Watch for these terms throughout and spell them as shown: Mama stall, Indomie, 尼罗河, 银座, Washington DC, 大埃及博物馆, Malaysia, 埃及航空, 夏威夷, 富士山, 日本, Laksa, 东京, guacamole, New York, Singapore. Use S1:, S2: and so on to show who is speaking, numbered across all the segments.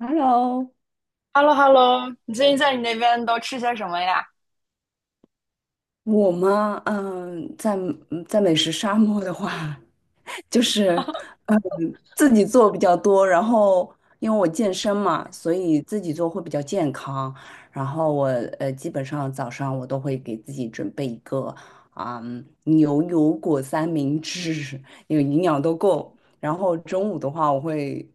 S1: Hello，
S2: h e l l o h e l l o 你最近在你那边都吃些什么呀？
S1: 我嘛，在美食沙漠的话，就是嗯自己做比较多，然后因为我健身嘛，所以自己做会比较健康。然后基本上早上我都会给自己准备一个牛油果三明治，因为营养都够。然后中午的话，我会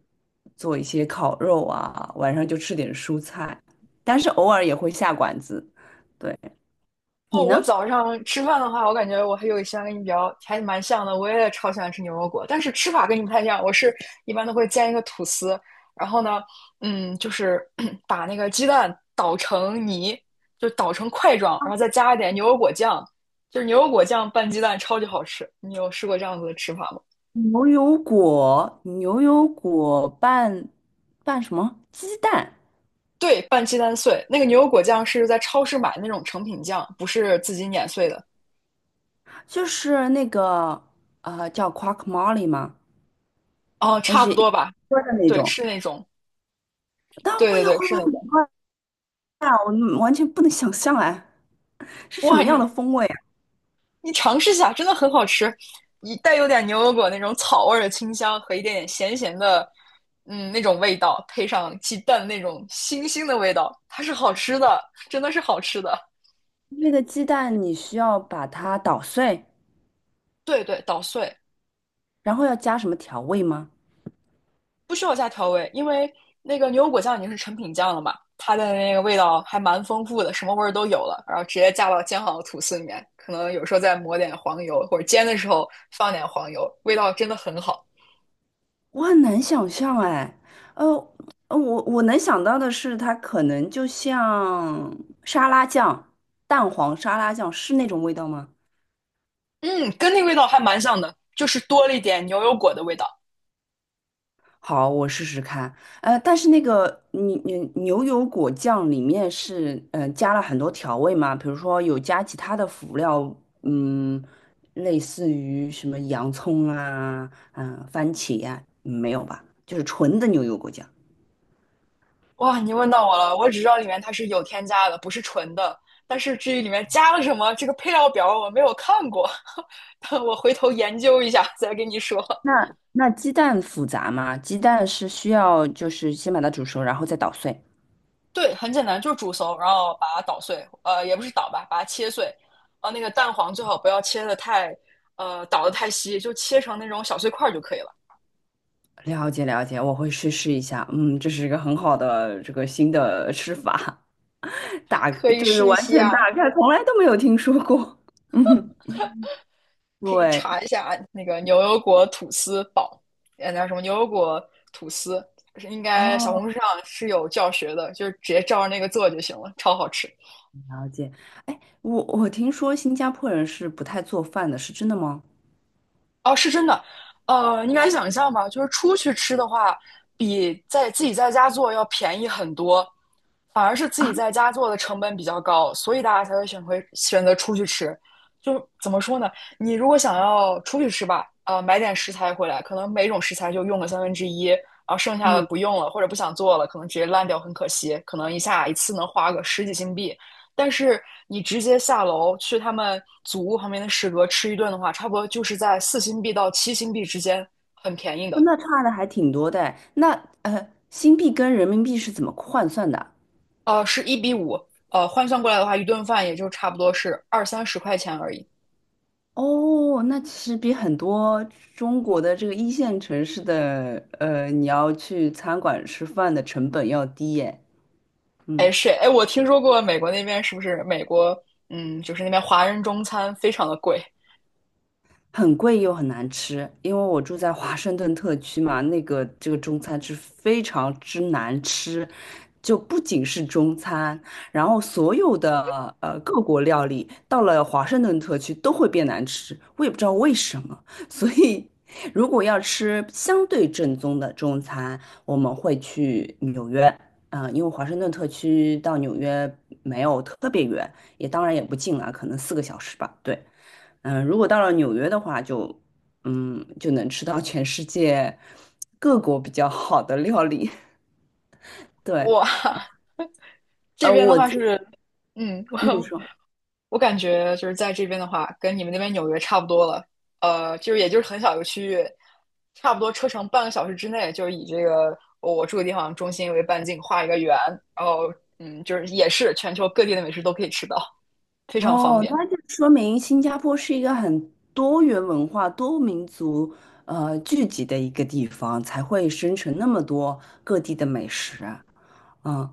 S1: 做一些烤肉啊，晚上就吃点蔬菜，但是偶尔也会下馆子。对，
S2: 哦，
S1: 你呢？
S2: 我早上吃饭的话，我感觉我还有一些跟你比较还蛮像的，我也超喜欢吃牛油果，但是吃法跟你不太一样。我是一般都会煎一个吐司，然后呢，就是 把那个鸡蛋捣成泥，就捣成块状，然后再加一点牛油果酱，就是牛油果酱拌鸡蛋超级好吃。你有试过这样子的吃法吗？
S1: 牛油果拌什么？鸡蛋，
S2: 对，拌鸡蛋碎，那个牛油果酱是在超市买那种成品酱，不是自己碾碎的。
S1: 就是那个叫 quackmole 吗？
S2: 哦，
S1: 就
S2: 差不
S1: 是一
S2: 多吧。
S1: 锅的那
S2: 对，
S1: 种，
S2: 是那种，
S1: 但味
S2: 对对
S1: 道
S2: 对，
S1: 会不
S2: 是
S1: 会
S2: 那
S1: 很
S2: 种。
S1: 怪啊？我完全不能想象哎，是什
S2: 哇，
S1: 么
S2: 你
S1: 样的风味啊？
S2: 你尝试一下，真的很好吃，一带有点牛油果那种草味儿的清香和一点点咸咸的，嗯，那种味道，配上鸡蛋那种腥腥的味道，它是好吃的，真的是好吃的。
S1: 那个鸡蛋你需要把它捣碎，
S2: 对对，捣碎，
S1: 然后要加什么调味吗？
S2: 不需要加调味，因为那个牛油果酱已经是成品酱了嘛，它的那个味道还蛮丰富的，什么味儿都有了，然后直接加到煎好的吐司里面，可能有时候再抹点黄油，或者煎的时候放点黄油，味道真的很好。
S1: 我很难想象哎，呃，我能想到的是，它可能就像沙拉酱、蛋黄沙拉酱是那种味道吗？
S2: 嗯，跟那味道还蛮像的，就是多了一点牛油果的味道。
S1: 好，我试试看。但是那个牛油果酱里面是加了很多调味嘛，比如说有加其他的辅料，嗯，类似于什么洋葱啊、番茄呀，没有吧？就是纯的牛油果酱。
S2: 哇，你问到我了，我只知道里面它是有添加的，不是纯的。但是至于里面加了什么，这个配料表我没有看过，我回头研究一下再跟你说。
S1: 那鸡蛋复杂吗？鸡蛋是需要就是先把它煮熟，然后再捣碎。
S2: 对，很简单，就是煮熟，然后把它捣碎，呃，也不是捣吧，把它切碎。呃，那个蛋黄最好不要切的太，呃，捣的太稀，就切成那种小碎块儿就可以了。
S1: 了解了解，我会去试一下。嗯，这是一个很好的这个新的吃法，
S2: 可以
S1: 就是
S2: 试一
S1: 完全
S2: 下
S1: 打
S2: 啊。
S1: 开，从来都没有听说过。嗯，
S2: 可以
S1: 对，
S2: 查一下那个牛油果吐司堡呃，那什么牛油果吐司，应该小
S1: 哦，
S2: 红书上是有教学的，就是直接照着那个做就行了，超好吃。
S1: 了解。哎，我听说新加坡人是不太做饭的，是真的吗？
S2: 哦，是真的，呃，你敢想象吗？就是出去吃的话，比在自己在家做要便宜很多，反而是自己在家做的成本比较高，所以大家才会选择出去吃。就怎么说呢？你如果想要出去吃吧，呃，买点食材回来，可能每种食材就用个三分之一，然后剩下的
S1: 嗯，
S2: 不用了或者不想做了，可能直接烂掉，很可惜。可能一次能花个十几新币，但是你直接下楼去他们祖屋旁边的食阁吃一顿的话，差不多就是在4新币到7新币之间，很便宜的。
S1: 那差的还挺多的哎。那新币跟人民币是怎么换算的啊？
S2: 呃，是1:5，呃，换算过来的话，一顿饭也就差不多是二三十块钱而已。
S1: 哦，那其实比很多中国的这个一线城市的，你要去餐馆吃饭的成本要低耶。嗯。
S2: 哎，是哎，我听说过美国那边是不是美国，嗯，就是那边华人中餐非常的贵。
S1: 很贵又很难吃，因为我住在华盛顿特区嘛，那个这个中餐是非常之难吃，就不仅是中餐，然后所有的各国料理到了华盛顿特区都会变难吃，我也不知道为什么。所以如果要吃相对正宗的中餐，我们会去纽约，因为华盛顿特区到纽约没有特别远，也当然也不近啊，可能4个小时吧，对。如果到了纽约的话就能吃到全世界各国比较好的料理。对，
S2: 哇，这
S1: 呃，
S2: 边的
S1: 我
S2: 话
S1: 自
S2: 是，嗯，
S1: 你
S2: 我
S1: 说。
S2: 我感觉就是在这边的话，跟你们那边纽约差不多了。呃，就是也就是很小一个区域，差不多车程半个小时之内，就是以这个我住的地方中心为半径画一个圆，然后嗯，就是也是全球各地的美食都可以吃到，非常方
S1: 哦，
S2: 便。
S1: 那就说明新加坡是一个很多元文化、多民族聚集的一个地方，才会生成那么多各地的美食啊。嗯，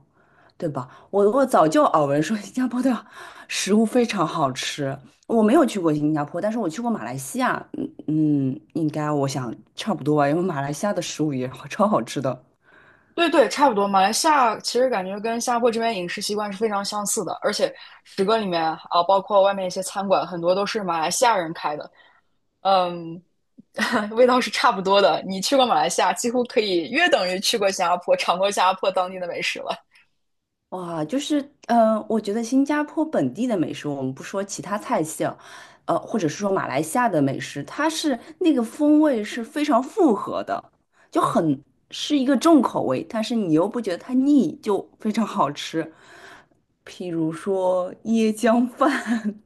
S1: 对吧？我早就耳闻说新加坡的 食物非常好吃，我没有去过新加坡，但是我去过马来西亚，应该我想差不多吧，因为马来西亚的食物也好超好吃的。
S2: 对对，差不多。马来西亚其实感觉跟新加坡这边饮食习惯是非常相似的，而且食阁里面啊，包括外面一些餐馆，很多都是马来西亚人开的，嗯，味道是差不多的。你去过马来西亚，几乎可以约等于去过新加坡，尝过新加坡当地的美食了。
S1: 哇，就是，我觉得新加坡本地的美食，我们不说其他菜系啊，或者是说马来西亚的美食，它是那个风味是非常复合的，就很是一个重口味，但是你又不觉得它腻，就非常好吃。譬如说椰浆饭，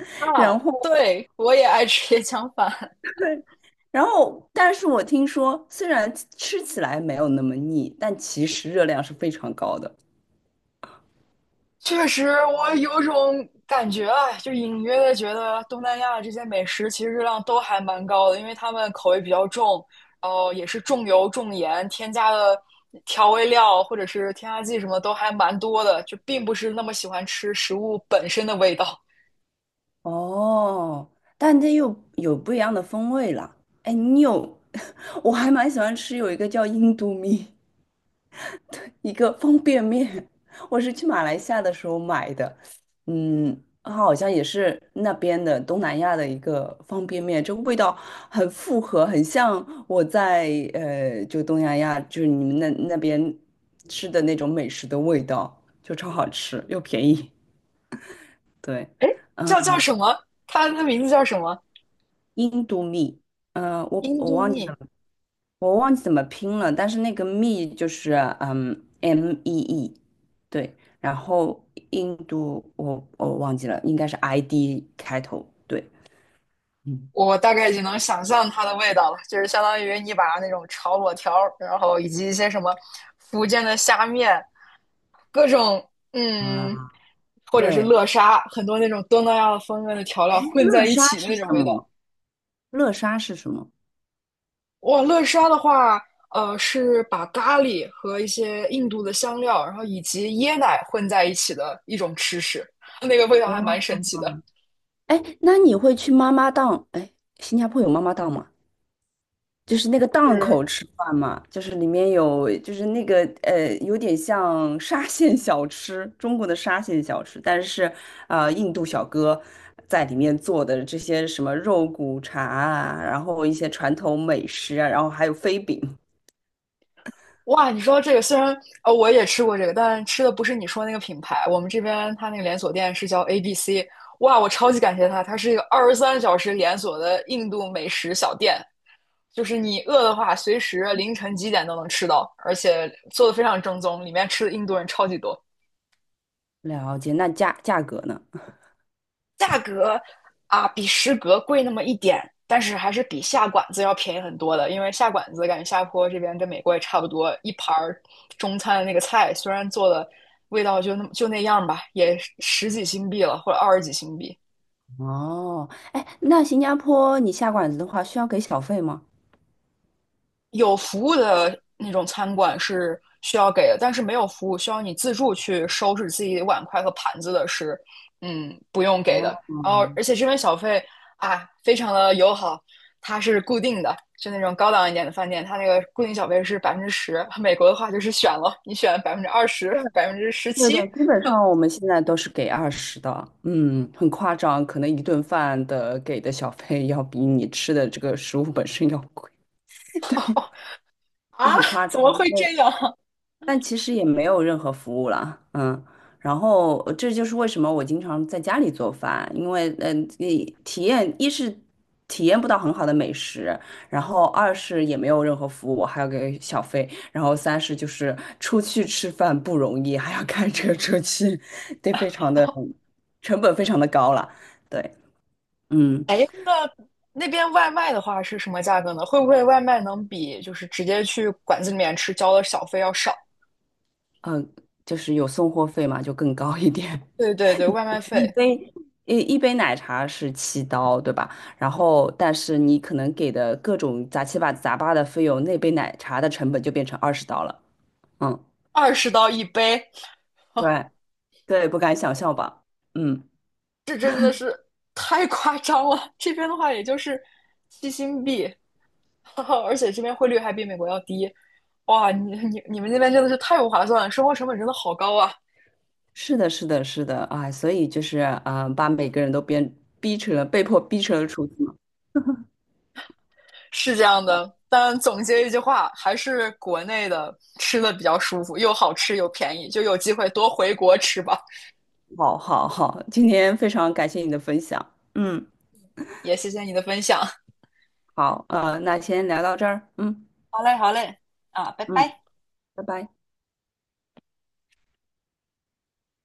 S2: 啊，
S1: 然后，
S2: 对，我也爱吃椰浆饭。
S1: 然后，但是我听说，虽然吃起来没有那么腻，但其实热量是非常高的。
S2: 确实，我有种感觉啊，就隐约的觉得东南亚这些美食其实热量都还蛮高的，因为他们口味比较重，然后也是重油重盐，添加的调味料或者是添加剂什么都还蛮多的，就并不是那么喜欢吃食物本身的味道。
S1: 哦，但这又有不一样的风味了。哎，我还蛮喜欢吃有一个叫印度米，一个方便面，我是去马来西亚的时候买的。它好像也是那边的东南亚的一个方便面，这个味道很复合，很像我在就东南亚就是你们那边吃的那种美食的味道，就超好吃又便宜。对，
S2: 哎，
S1: 嗯，
S2: 叫什么？它名字叫什么？
S1: 印度米。嗯，我
S2: 印
S1: 我
S2: 度
S1: 忘记
S2: 蜜。
S1: 了。我忘记怎么拼了，但是那个 me 就是mee，对，然后印度我忘记了，应该是 ID 开头，对，嗯，
S2: 我大概已经能想象它的味道了，就是相当于你把那种炒粿条儿然后以及一些什么福建的虾面，各种
S1: 啊，
S2: 嗯，或者是
S1: 对，
S2: 乐沙，很多那种东南亚的风味的调料
S1: 哎，
S2: 混在
S1: 乐
S2: 一
S1: 沙
S2: 起的
S1: 是
S2: 那种
S1: 什
S2: 味道。
S1: 么？乐沙是什么？
S2: 哇，乐沙的话，呃，是把咖喱和一些印度的香料，然后以及椰奶混在一起的一种吃食，那个味道
S1: 哦，
S2: 还蛮神奇的，
S1: 哎，那你会去妈妈档？哎，新加坡有妈妈档吗？就是那个档
S2: 是。
S1: 口吃饭嘛，就是里面有，就是那个有点像沙县小吃，中国的沙县小吃，但是印度小哥在里面做的这些什么肉骨茶啊，然后一些传统美食啊，然后还有飞饼。
S2: 哇，你说这个虽然我也吃过这个，但吃的不是你说那个品牌，我们这边它那个连锁店是叫 ABC。哇，我超级感谢它，它是一个23小时连锁的印度美食小店，就是你饿的话，随时凌晨几点都能吃到，而且做的非常正宗，里面吃的印度人超级多。
S1: 了解，那价格呢？
S2: 价格啊比食阁贵那么一点，但是还是比下馆子要便宜很多的。因为下馆子感觉下坡这边跟美国也差不多，一盘中餐的那个菜虽然做的味道就那么就那样吧，也十几新币了或者二十几新币。
S1: 哦，哎，那新加坡你下馆子的话需要给小费吗？
S2: 有服务的那种餐馆是需要给的，但是没有服务需要你自助去收拾自己的碗筷和盘子的是，嗯，不用给的。
S1: 哦，
S2: 然后，而且这边小费啊，非常的友好，它是固定的，就那种高档一点的饭店，它那个固定小费是百分之十。美国的话就是选了，你选20%、百分之十
S1: 对
S2: 七。
S1: 的，基本上我们现在都是给二十的，很夸张，可能一顿饭的给的小费要比你吃的这个食物本身要贵，就
S2: 啊，
S1: 很夸
S2: 怎
S1: 张。
S2: 么会
S1: 对。
S2: 这样？
S1: 但其实也没有任何服务了，然后这就是为什么我经常在家里做饭，因为你体验一是体验不到很好的美食，然后二是也没有任何服务，我还要给小费，然后三是就是出去吃饭不容易，还要开车出去，得非常的成本非常的高了，对，嗯
S2: 哎，那那边外卖的话是什么价格呢？会不会外卖能比就是直接去馆子里面吃交的小费要少？
S1: 嗯，就是有送货费嘛，就更高一点，
S2: 对对对，外卖
S1: 一
S2: 费
S1: 杯一杯奶茶是7刀，对吧？然后，但是你可能给的各种杂七八杂八的费用，那杯奶茶的成本就变成20刀了。嗯，
S2: 20刀一杯，
S1: 对对，不敢想象吧？嗯，
S2: 这真的是太夸张了。这边的话也就是七新币，而且这边汇率还比美国要低。哇，你你你们那边真的是太不划算了，生活成本真的好高啊！
S1: 是的，是的，是的，哎，所以就是把每个人都变逼成了被迫逼成了厨子嘛。
S2: 是这样的，但总结一句话，还是国内的吃的比较舒服，又好吃又便宜，就有机会多回国吃吧。
S1: 好好好，今天非常感谢你的分享。嗯，
S2: 也谢谢你的分享。
S1: 好，那先聊到这儿。嗯嗯，拜拜。